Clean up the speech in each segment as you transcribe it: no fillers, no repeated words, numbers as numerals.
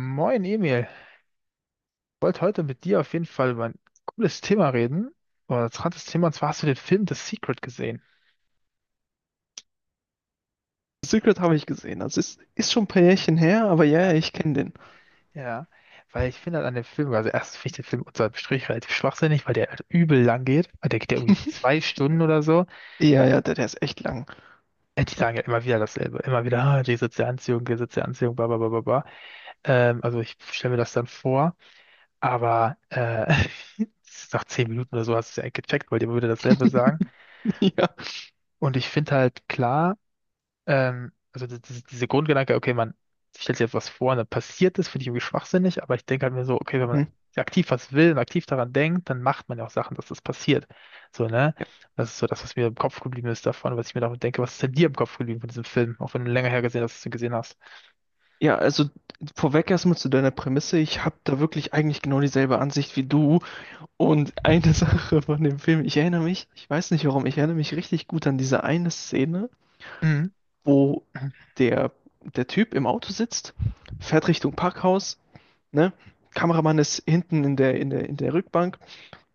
Moin Emil, ich wollte heute mit dir auf jeden Fall über ein cooles Thema reden, oder ein interessantes Thema, und zwar hast du den Film The Secret gesehen? Secret habe ich gesehen. Das ist schon ein paar Jährchen her, aber ja, Ja, ja, ich kenne den. ja, weil ich finde halt an dem Film, also erstens finde ich den Film unter dem Strich relativ schwachsinnig, weil der halt übel lang geht, weil der geht ja irgendwie zwei Stunden oder so. Ja, ja, der ist echt lang. Die sagen ja immer wieder dasselbe, immer wieder, ah, die soziale Anziehung, bla bla bla bla bla. Also ich stelle mir das dann vor, aber nach zehn Minuten oder so hast du es ja eigentlich gecheckt, weil die immer wieder dasselbe sagen. Ja. Und ich finde halt klar, also diese Grundgedanke, okay, man stellt sich jetzt was vor und dann passiert das, finde ich irgendwie schwachsinnig, aber ich denke halt mir so, okay, wenn man Mhm. aktiv was will und aktiv daran denkt, dann macht man ja auch Sachen, dass das passiert. So, ne? Ja. Das ist so das, was mir im Kopf geblieben ist davon, was ich mir davon denke. Was ist denn dir im Kopf geblieben von diesem Film, auch wenn du länger her gesehen hast, dass du ihn gesehen hast? Ja, also vorweg erstmal zu deiner Prämisse. Ich habe da wirklich eigentlich genau dieselbe Ansicht wie du. Und eine Sache von dem Film, ich erinnere mich, ich weiß nicht warum, ich erinnere mich richtig gut an diese eine Szene, Mhm. wo der, der Typ im Auto sitzt, fährt Richtung Parkhaus, ne? Kameramann ist hinten in der, in der Rückbank.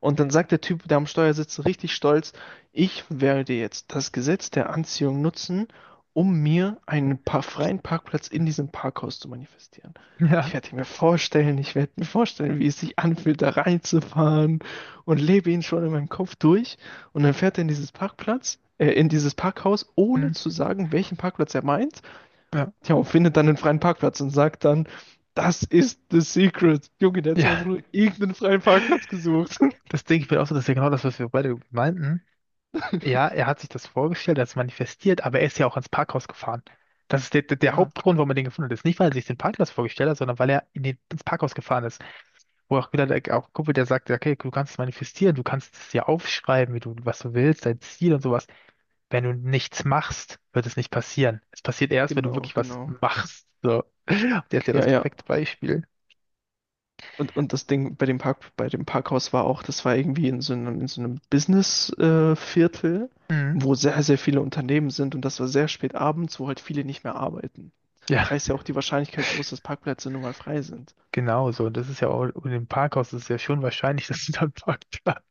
Und dann sagt der Typ, der am Steuer sitzt, richtig stolz, ich werde jetzt das Gesetz der Anziehung nutzen, um mir einen pa freien Parkplatz in diesem Parkhaus zu manifestieren. Ja. Ich werde mir vorstellen, ich werde mir vorstellen, wie es sich anfühlt, da reinzufahren, und lebe ihn schon in meinem Kopf durch. Und dann fährt er in in dieses Parkhaus, ohne Mhm. zu sagen, welchen Parkplatz er meint. Ja. Tja, und findet dann einen freien Parkplatz und sagt dann, das ist the secret. Junge, der hat sich einfach Ja, nur irgendeinen freien Parkplatz gesucht. das denke ich mir auch so, das ist ja genau das, was wir beide meinten. Ja, er hat sich das vorgestellt, er hat es manifestiert, aber er ist ja auch ans Parkhaus gefahren. Das ist der Ja, Hauptgrund, warum er den gefunden hat. Ist nicht, weil er sich den Parkplatz vorgestellt hat, sondern weil er in den, ins Parkhaus gefahren ist. Wo auch wieder der auch Kumpel, der sagt, okay, du kannst es manifestieren, du kannst es dir aufschreiben, wie du, was du willst, dein Ziel und sowas. Wenn du nichts machst, wird es nicht passieren. Es passiert erst, wenn du genau, wirklich was genau. machst. So. Der ist ja Ja, das ja. perfekte Beispiel. Und das Ding bei dem Parkhaus war auch, das war irgendwie in so einem Business-Viertel, Viertel, Mhm. wo sehr, sehr viele Unternehmen sind, und das war sehr spät abends, wo halt viele nicht mehr arbeiten. Ja, Da ist ja auch die Wahrscheinlichkeit groß, dass Parkplätze nun mal frei sind. genau so. Und das ist ja auch, und im Parkhaus ist es ja schon wahrscheinlich, dass du dann Parkplatz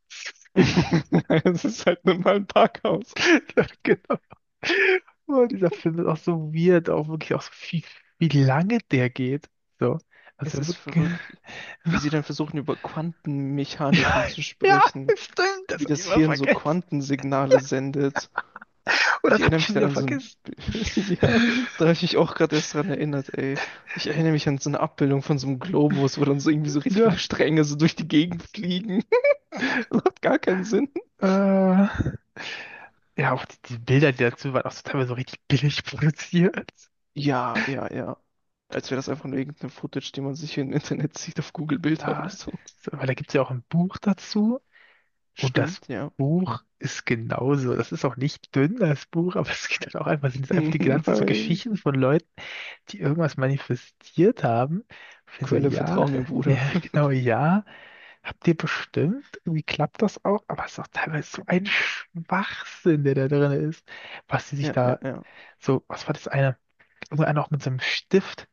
Es ist halt nun mal ein Parkhaus. ja, genau. Oh, dieser Film ist auch so weird, auch wirklich auch so viel, wie lange der geht. So. Es Also ist wirklich. verrückt, wie sie dann versuchen, über Quantenmechaniken Ja, zu ja, sprechen, stimmt, das wie habe ich das immer Hirn so vergessen. Quantensignale sendet. Oh, Ich das habe erinnere ich mich schon dann wieder an so ein. vergessen. Ja, da habe ich mich auch gerade erst dran erinnert, ey. Ich erinnere mich an so eine Abbildung von so einem Globus, wo dann so irgendwie so richtig viele Ja, Stränge so durch die Gegend fliegen. Das hat gar keinen Sinn. äh, ja, auch die Bilder, die dazu waren, auch so teilweise so richtig billig produziert. Ja, ja, ja. Als wäre das einfach nur irgendeine Footage, die man sich im Internet sieht, auf Google Bilder oder Ja, so. so, weil da gibt es ja auch ein Buch dazu und das Stimmt, ja. Buch ist genauso. Das ist auch nicht dünn, das Buch, aber es geht halt auch einfach, sind es einfach die ganze Zeit so Nein. Geschichten von Leuten, die irgendwas manifestiert haben. Ich bin so, Quelle ja, Vertrauen, mir, Bruder. ja, genau, ja, habt ihr bestimmt. Irgendwie klappt das auch, aber es ist auch teilweise so ein Schwachsinn, der da drin ist, was sie sich Ja, ja, da ja. so, was war das eine? Irgendeiner auch mit so einem Stift,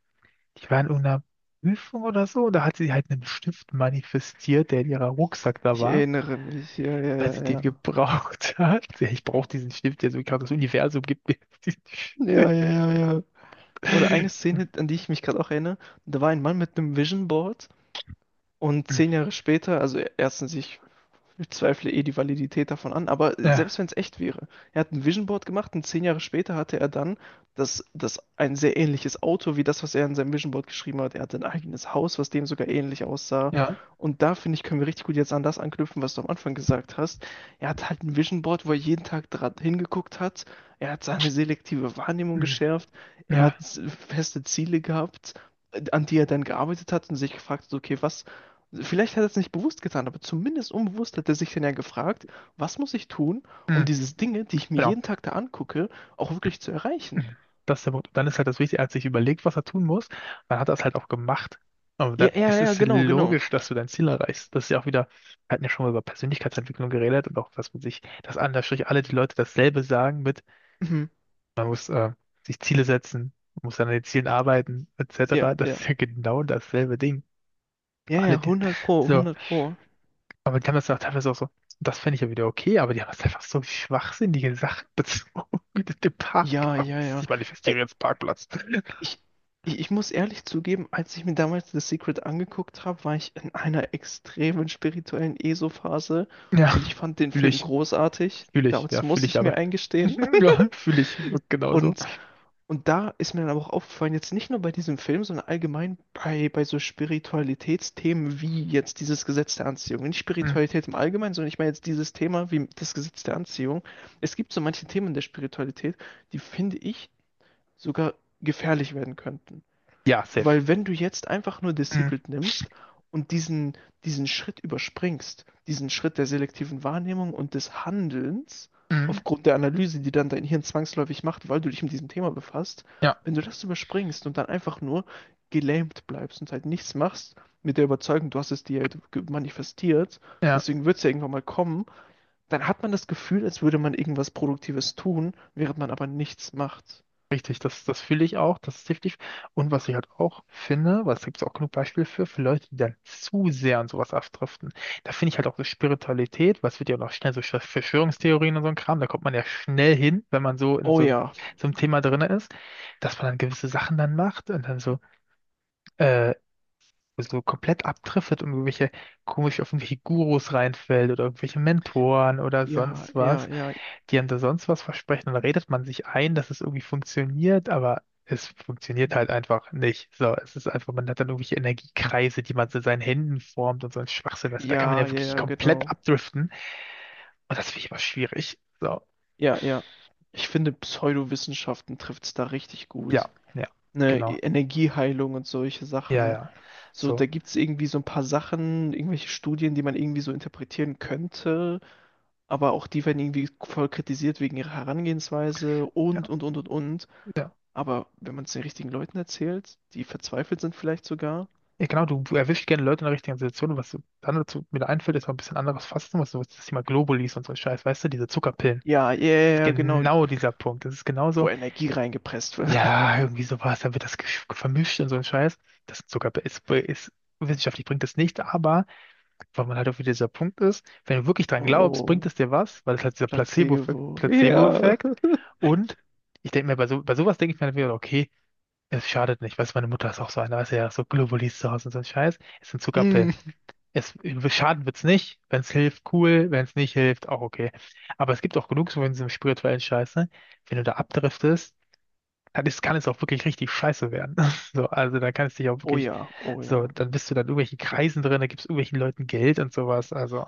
die war in irgendeiner Prüfung oder so, und da hat sie halt einen Stift manifestiert, der in ihrer Rucksack da Ich war. erinnere mich. Ja, ja, Weil ja, sie den ja. gebraucht hat. Ja, ich brauche diesen Stift, der so gerade das Universum gibt mir diesen Ja, ja, Stift. ja, ja. Oder eine Szene, an die ich mich gerade auch erinnere, da war ein Mann mit einem Vision Board. Und 10 Jahre später, also erstens, ich zweifle eh die Validität davon an, aber selbst Ja, wenn es echt wäre, er hat ein Vision Board gemacht und 10 Jahre später hatte er dann das ein sehr ähnliches Auto, wie das, was er in seinem Vision Board geschrieben hat. Er hatte ein eigenes Haus, was dem sogar ähnlich aussah. ja, Und da finde ich, können wir richtig gut jetzt an das anknüpfen, was du am Anfang gesagt hast. Er hat halt ein Vision Board, wo er jeden Tag dran hingeguckt hat. Er hat seine selektive Wahrnehmung ja. geschärft. Er hat Ja. feste Ziele gehabt, an die er dann gearbeitet hat, und sich gefragt hat, okay, was? Vielleicht hat er es nicht bewusst getan, aber zumindest unbewusst hat er sich dann ja gefragt, was muss ich tun, um diese Dinge, die ich mir Genau. jeden Tag da angucke, auch wirklich zu erreichen? Das ist der Punkt. Und dann ist halt das Wichtige, er hat sich überlegt, was er tun muss. Dann hat er es halt auch gemacht. Und Ja, dann, ja, es ja, ist genau, genau. logisch, dass du dein Ziel erreichst. Das ist ja auch wieder, wir hatten ja schon mal über Persönlichkeitsentwicklung geredet und auch, dass man sich, dass Anführungsstrich alle die Leute dasselbe sagen mit, Mhm. man muss sich Ziele setzen, man muss an den Zielen arbeiten, Ja, etc. ja. Das ist ja genau dasselbe Ding. Ja, ja, Alle die, hundert Pro, so, hundert Pro. aber die haben das ja auch teilweise auch so, das fände ich ja wieder okay, aber die haben das einfach so schwachsinnige Sachen bezogen mit dem Ja, Parkhaus. ja, ja. Ich Ey, manifestiere jetzt Parkplatz. ich, ich muss ehrlich zugeben, als ich mir damals The Secret angeguckt habe, war ich in einer extremen spirituellen ESO-Phase, Ja, und ich fand den fühle Film ich. großartig. Fühle ich. Damals, Ja, fühle muss ich ich aber. mir eingestehen. Ja, fühle ich. Wird genauso. Und Und da ist mir dann aber auch aufgefallen, jetzt nicht nur bei diesem Film, sondern allgemein bei, bei so Spiritualitätsthemen, wie jetzt dieses Gesetz der Anziehung. Nicht Hm. Spiritualität im Allgemeinen, sondern ich meine jetzt dieses Thema wie das Gesetz der Anziehung. Es gibt so manche Themen der Spiritualität, die finde ich sogar gefährlich werden könnten. Ja, safe. Weil wenn du jetzt einfach nur The Hm. Secret nimmst und diesen Schritt überspringst, diesen Schritt der selektiven Wahrnehmung und des Handelns, Hm. aufgrund der Analyse, die dann dein Hirn zwangsläufig macht, weil du dich mit diesem Thema befasst, Ja, wenn du das überspringst und dann einfach nur gelähmt bleibst und halt nichts machst, mit der Überzeugung, du hast es dir halt manifestiert, ja, deswegen wird es ja irgendwann mal kommen, dann hat man das Gefühl, als würde man irgendwas Produktives tun, während man aber nichts macht. richtig. Das fühle ich auch. Das ist definitiv. Und was ich halt auch finde, weil es gibt auch genug Beispiele für Leute, die dann zu sehr an sowas abdriften. Da finde ich halt auch so Spiritualität, was wird ja auch noch schnell so Verschwörungstheorien und so ein Kram. Da kommt man ja schnell hin, wenn man so in Oh ja, so einem Thema drin ist, dass man dann gewisse Sachen dann macht und dann so. äh, so komplett abdriftet und irgendwelche komisch auf irgendwelche Gurus reinfällt oder irgendwelche Mentoren oder ja, sonst was, ja, ja. die einem da sonst was versprechen, dann redet man sich ein, dass es irgendwie funktioniert, aber es funktioniert halt einfach nicht. So, es ist einfach, man hat dann irgendwelche Energiekreise, die man so in seinen Händen formt und so ein Schwachsinn, weißt du, da kann man Ja, ja ja, wirklich ja, komplett genau. abdriften und das finde ich immer schwierig. So, Ja, ja. Ich finde, Pseudowissenschaften trifft es da richtig ja, gut. ja, Ne, genau. Energieheilung und solche Ja, Sachen. ja. So, da So, gibt es irgendwie so ein paar Sachen, irgendwelche Studien, die man irgendwie so interpretieren könnte, aber auch die werden irgendwie voll kritisiert wegen ihrer Herangehensweise ja, und, und. ja. Aber wenn man es den richtigen Leuten erzählt, die verzweifelt sind, vielleicht sogar. Ja, genau, du erwischst gerne Leute in der richtigen Situation. Was dann dazu mir da einfällt, ist noch ein bisschen anderes Fasten, was sowas, das Thema Globulis und so ein Scheiß, weißt du, diese Zuckerpillen. Ja, ja, ja, Das ist ja, genau, genau dieser Punkt. Das ist wo genauso, Energie reingepresst wird. ja, irgendwie sowas, dann wird das vermischt und so ein Scheiß. Das ist Zuckerpillen. Wissenschaftlich bringt das nicht, aber weil man halt auch wieder dieser Punkt ist, wenn du wirklich dran glaubst, bringt Oh, es dir was, weil es halt dieser Placebo. Ja. Placebo-Effekt. Und ich denke mir, bei, so, bei sowas denke ich mir dann wieder, okay, es schadet nicht, weißt du, meine Mutter ist auch so eine, weißt du, ja, so Globulis zu Hause und so ein Scheiß. Es sind Zuckerpillen. Mm. Es, schaden wird's nicht. Wenn's hilft, cool. Wenn's nicht hilft, auch okay. Aber es gibt auch genug so in diesem spirituellen scheiße. Wenn du da abdriftest, dann ist, kann es auch wirklich richtig scheiße werden. So, also da kann es dich auch Oh wirklich, ja, oh so, ja. dann bist du dann in irgendwelchen Kreisen drin, da gibst irgendwelchen Leuten Geld und sowas. Also,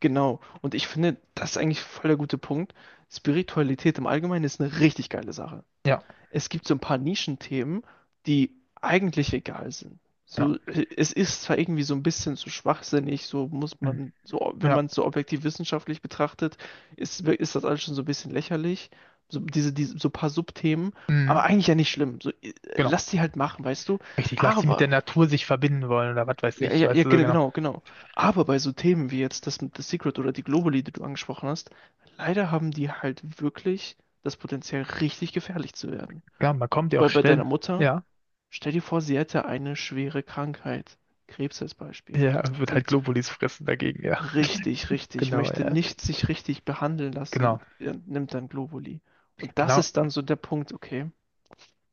Genau. Und ich finde, das ist eigentlich voll der gute Punkt. Spiritualität im Allgemeinen ist eine richtig geile Sache. ja, Es gibt so ein paar Nischenthemen, die eigentlich egal sind. ja, So, es ist zwar irgendwie so ein bisschen zu schwachsinnig, so muss mm, man, so, wenn ja, man es so objektiv wissenschaftlich betrachtet, ist das alles schon so ein bisschen lächerlich. So, diese, so ein paar Subthemen, aber mm, eigentlich ja nicht schlimm. So, genau. lass die halt machen, weißt du? Richtig, lass sie mit der Natur sich verbinden wollen oder was weiß Ja, ich, ja, weißt ja, du so genau. genau, genau. Aber bei so Themen wie jetzt das mit The Secret oder die Globally, die du angesprochen hast, leider haben die halt wirklich das Potenzial, richtig gefährlich zu werden. Ja, man kommt ja auch Weil bei deiner schnell, Mutter, ja. stell dir vor, sie hätte eine schwere Krankheit, Krebs als Beispiel, Ja, wird halt und Globulis fressen dagegen, ja. richtig, richtig, Genau, möchte ja. nicht sich richtig behandeln Genau, lassen, nimmt dann Globally. Und das genau. ist dann so der Punkt, okay,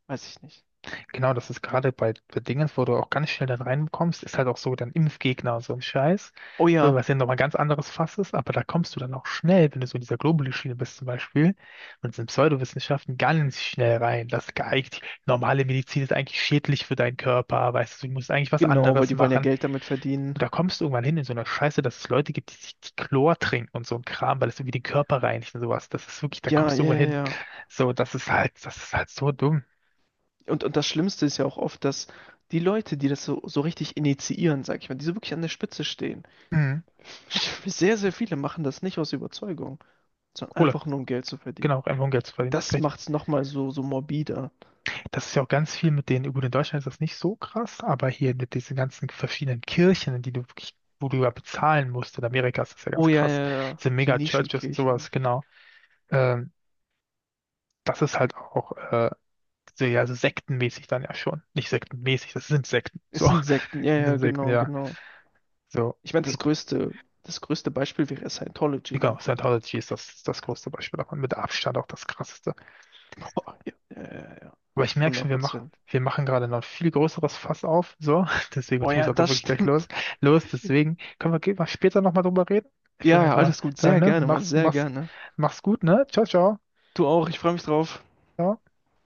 weiß ich nicht. Genau, das ist gerade bei, bei Dingens, wo du auch ganz schnell dann reinkommst, ist halt auch so dann Impfgegner, und so ein Scheiß. Oh So, ja, was ja nochmal ganz anderes Fass ist, aber da kommst du dann auch schnell, wenn du so in dieser Globuli-Schiene bist zum Beispiel, und sind Pseudowissenschaften ganz schnell rein. Das geeignet, normale Medizin ist eigentlich schädlich für deinen Körper, weißt du, du musst eigentlich was genau, weil anderes die wollen ja machen. Geld damit verdienen. Und da kommst du irgendwann hin in so einer Scheiße, dass es Leute gibt, die sich die Chlor trinken und so ein Kram, weil es irgendwie den Körper reinigt und sowas. Das ist wirklich, da Ja, kommst du ja, irgendwann ja. hin. Ja. So, das ist halt so dumm. Und das Schlimmste ist ja auch oft, dass die Leute, die das so, so richtig initiieren, sag ich mal, die so wirklich an der Spitze stehen, Mhm. sehr, sehr viele machen das nicht aus Überzeugung, sondern einfach nur um Geld zu verdienen. Genau, einfach um Geld zu Und verdienen, ist das richtig. macht's nochmal so, so morbider. Das ist ja auch ganz viel mit denen, gut, in Deutschland ist das nicht so krass, aber hier mit diesen ganzen verschiedenen Kirchen, in die du wirklich, wo du ja bezahlen musst, in Amerika ist das ja ganz Oh ja, krass, ja, ja, diese so Mega-Churches und sowas, Nischenkirchen. genau. Ähm, Das ist halt auch so, ja, so sektenmäßig dann ja schon. Nicht sektenmäßig, das sind Sekten, Es so. sind Sekten, ja, Das ja, sind Sekten, genau, ja. genau. So, Ich meine, das größte Beispiel wäre Scientology, genau, ne? Scientology ist das, das größte Beispiel davon, mit Abstand auch das krasseste. Boah, ja, ja, ja, ja. Aber ich merke 100 schon, Prozent. wir machen gerade noch ein viel größeres Fass auf, so. Deswegen, und Oh ich muss ja, jetzt auch das wirklich gleich los. stimmt. Los, deswegen können wir gehen wir später nochmal drüber reden. Ich Ja, würde jetzt ja, mal alles gut. sagen, Sehr ne? gerne, Mann, Mach's, sehr mach's, gerne. mach's gut, ne? Ciao, ciao. Du auch, ich freue mich drauf. Ciao.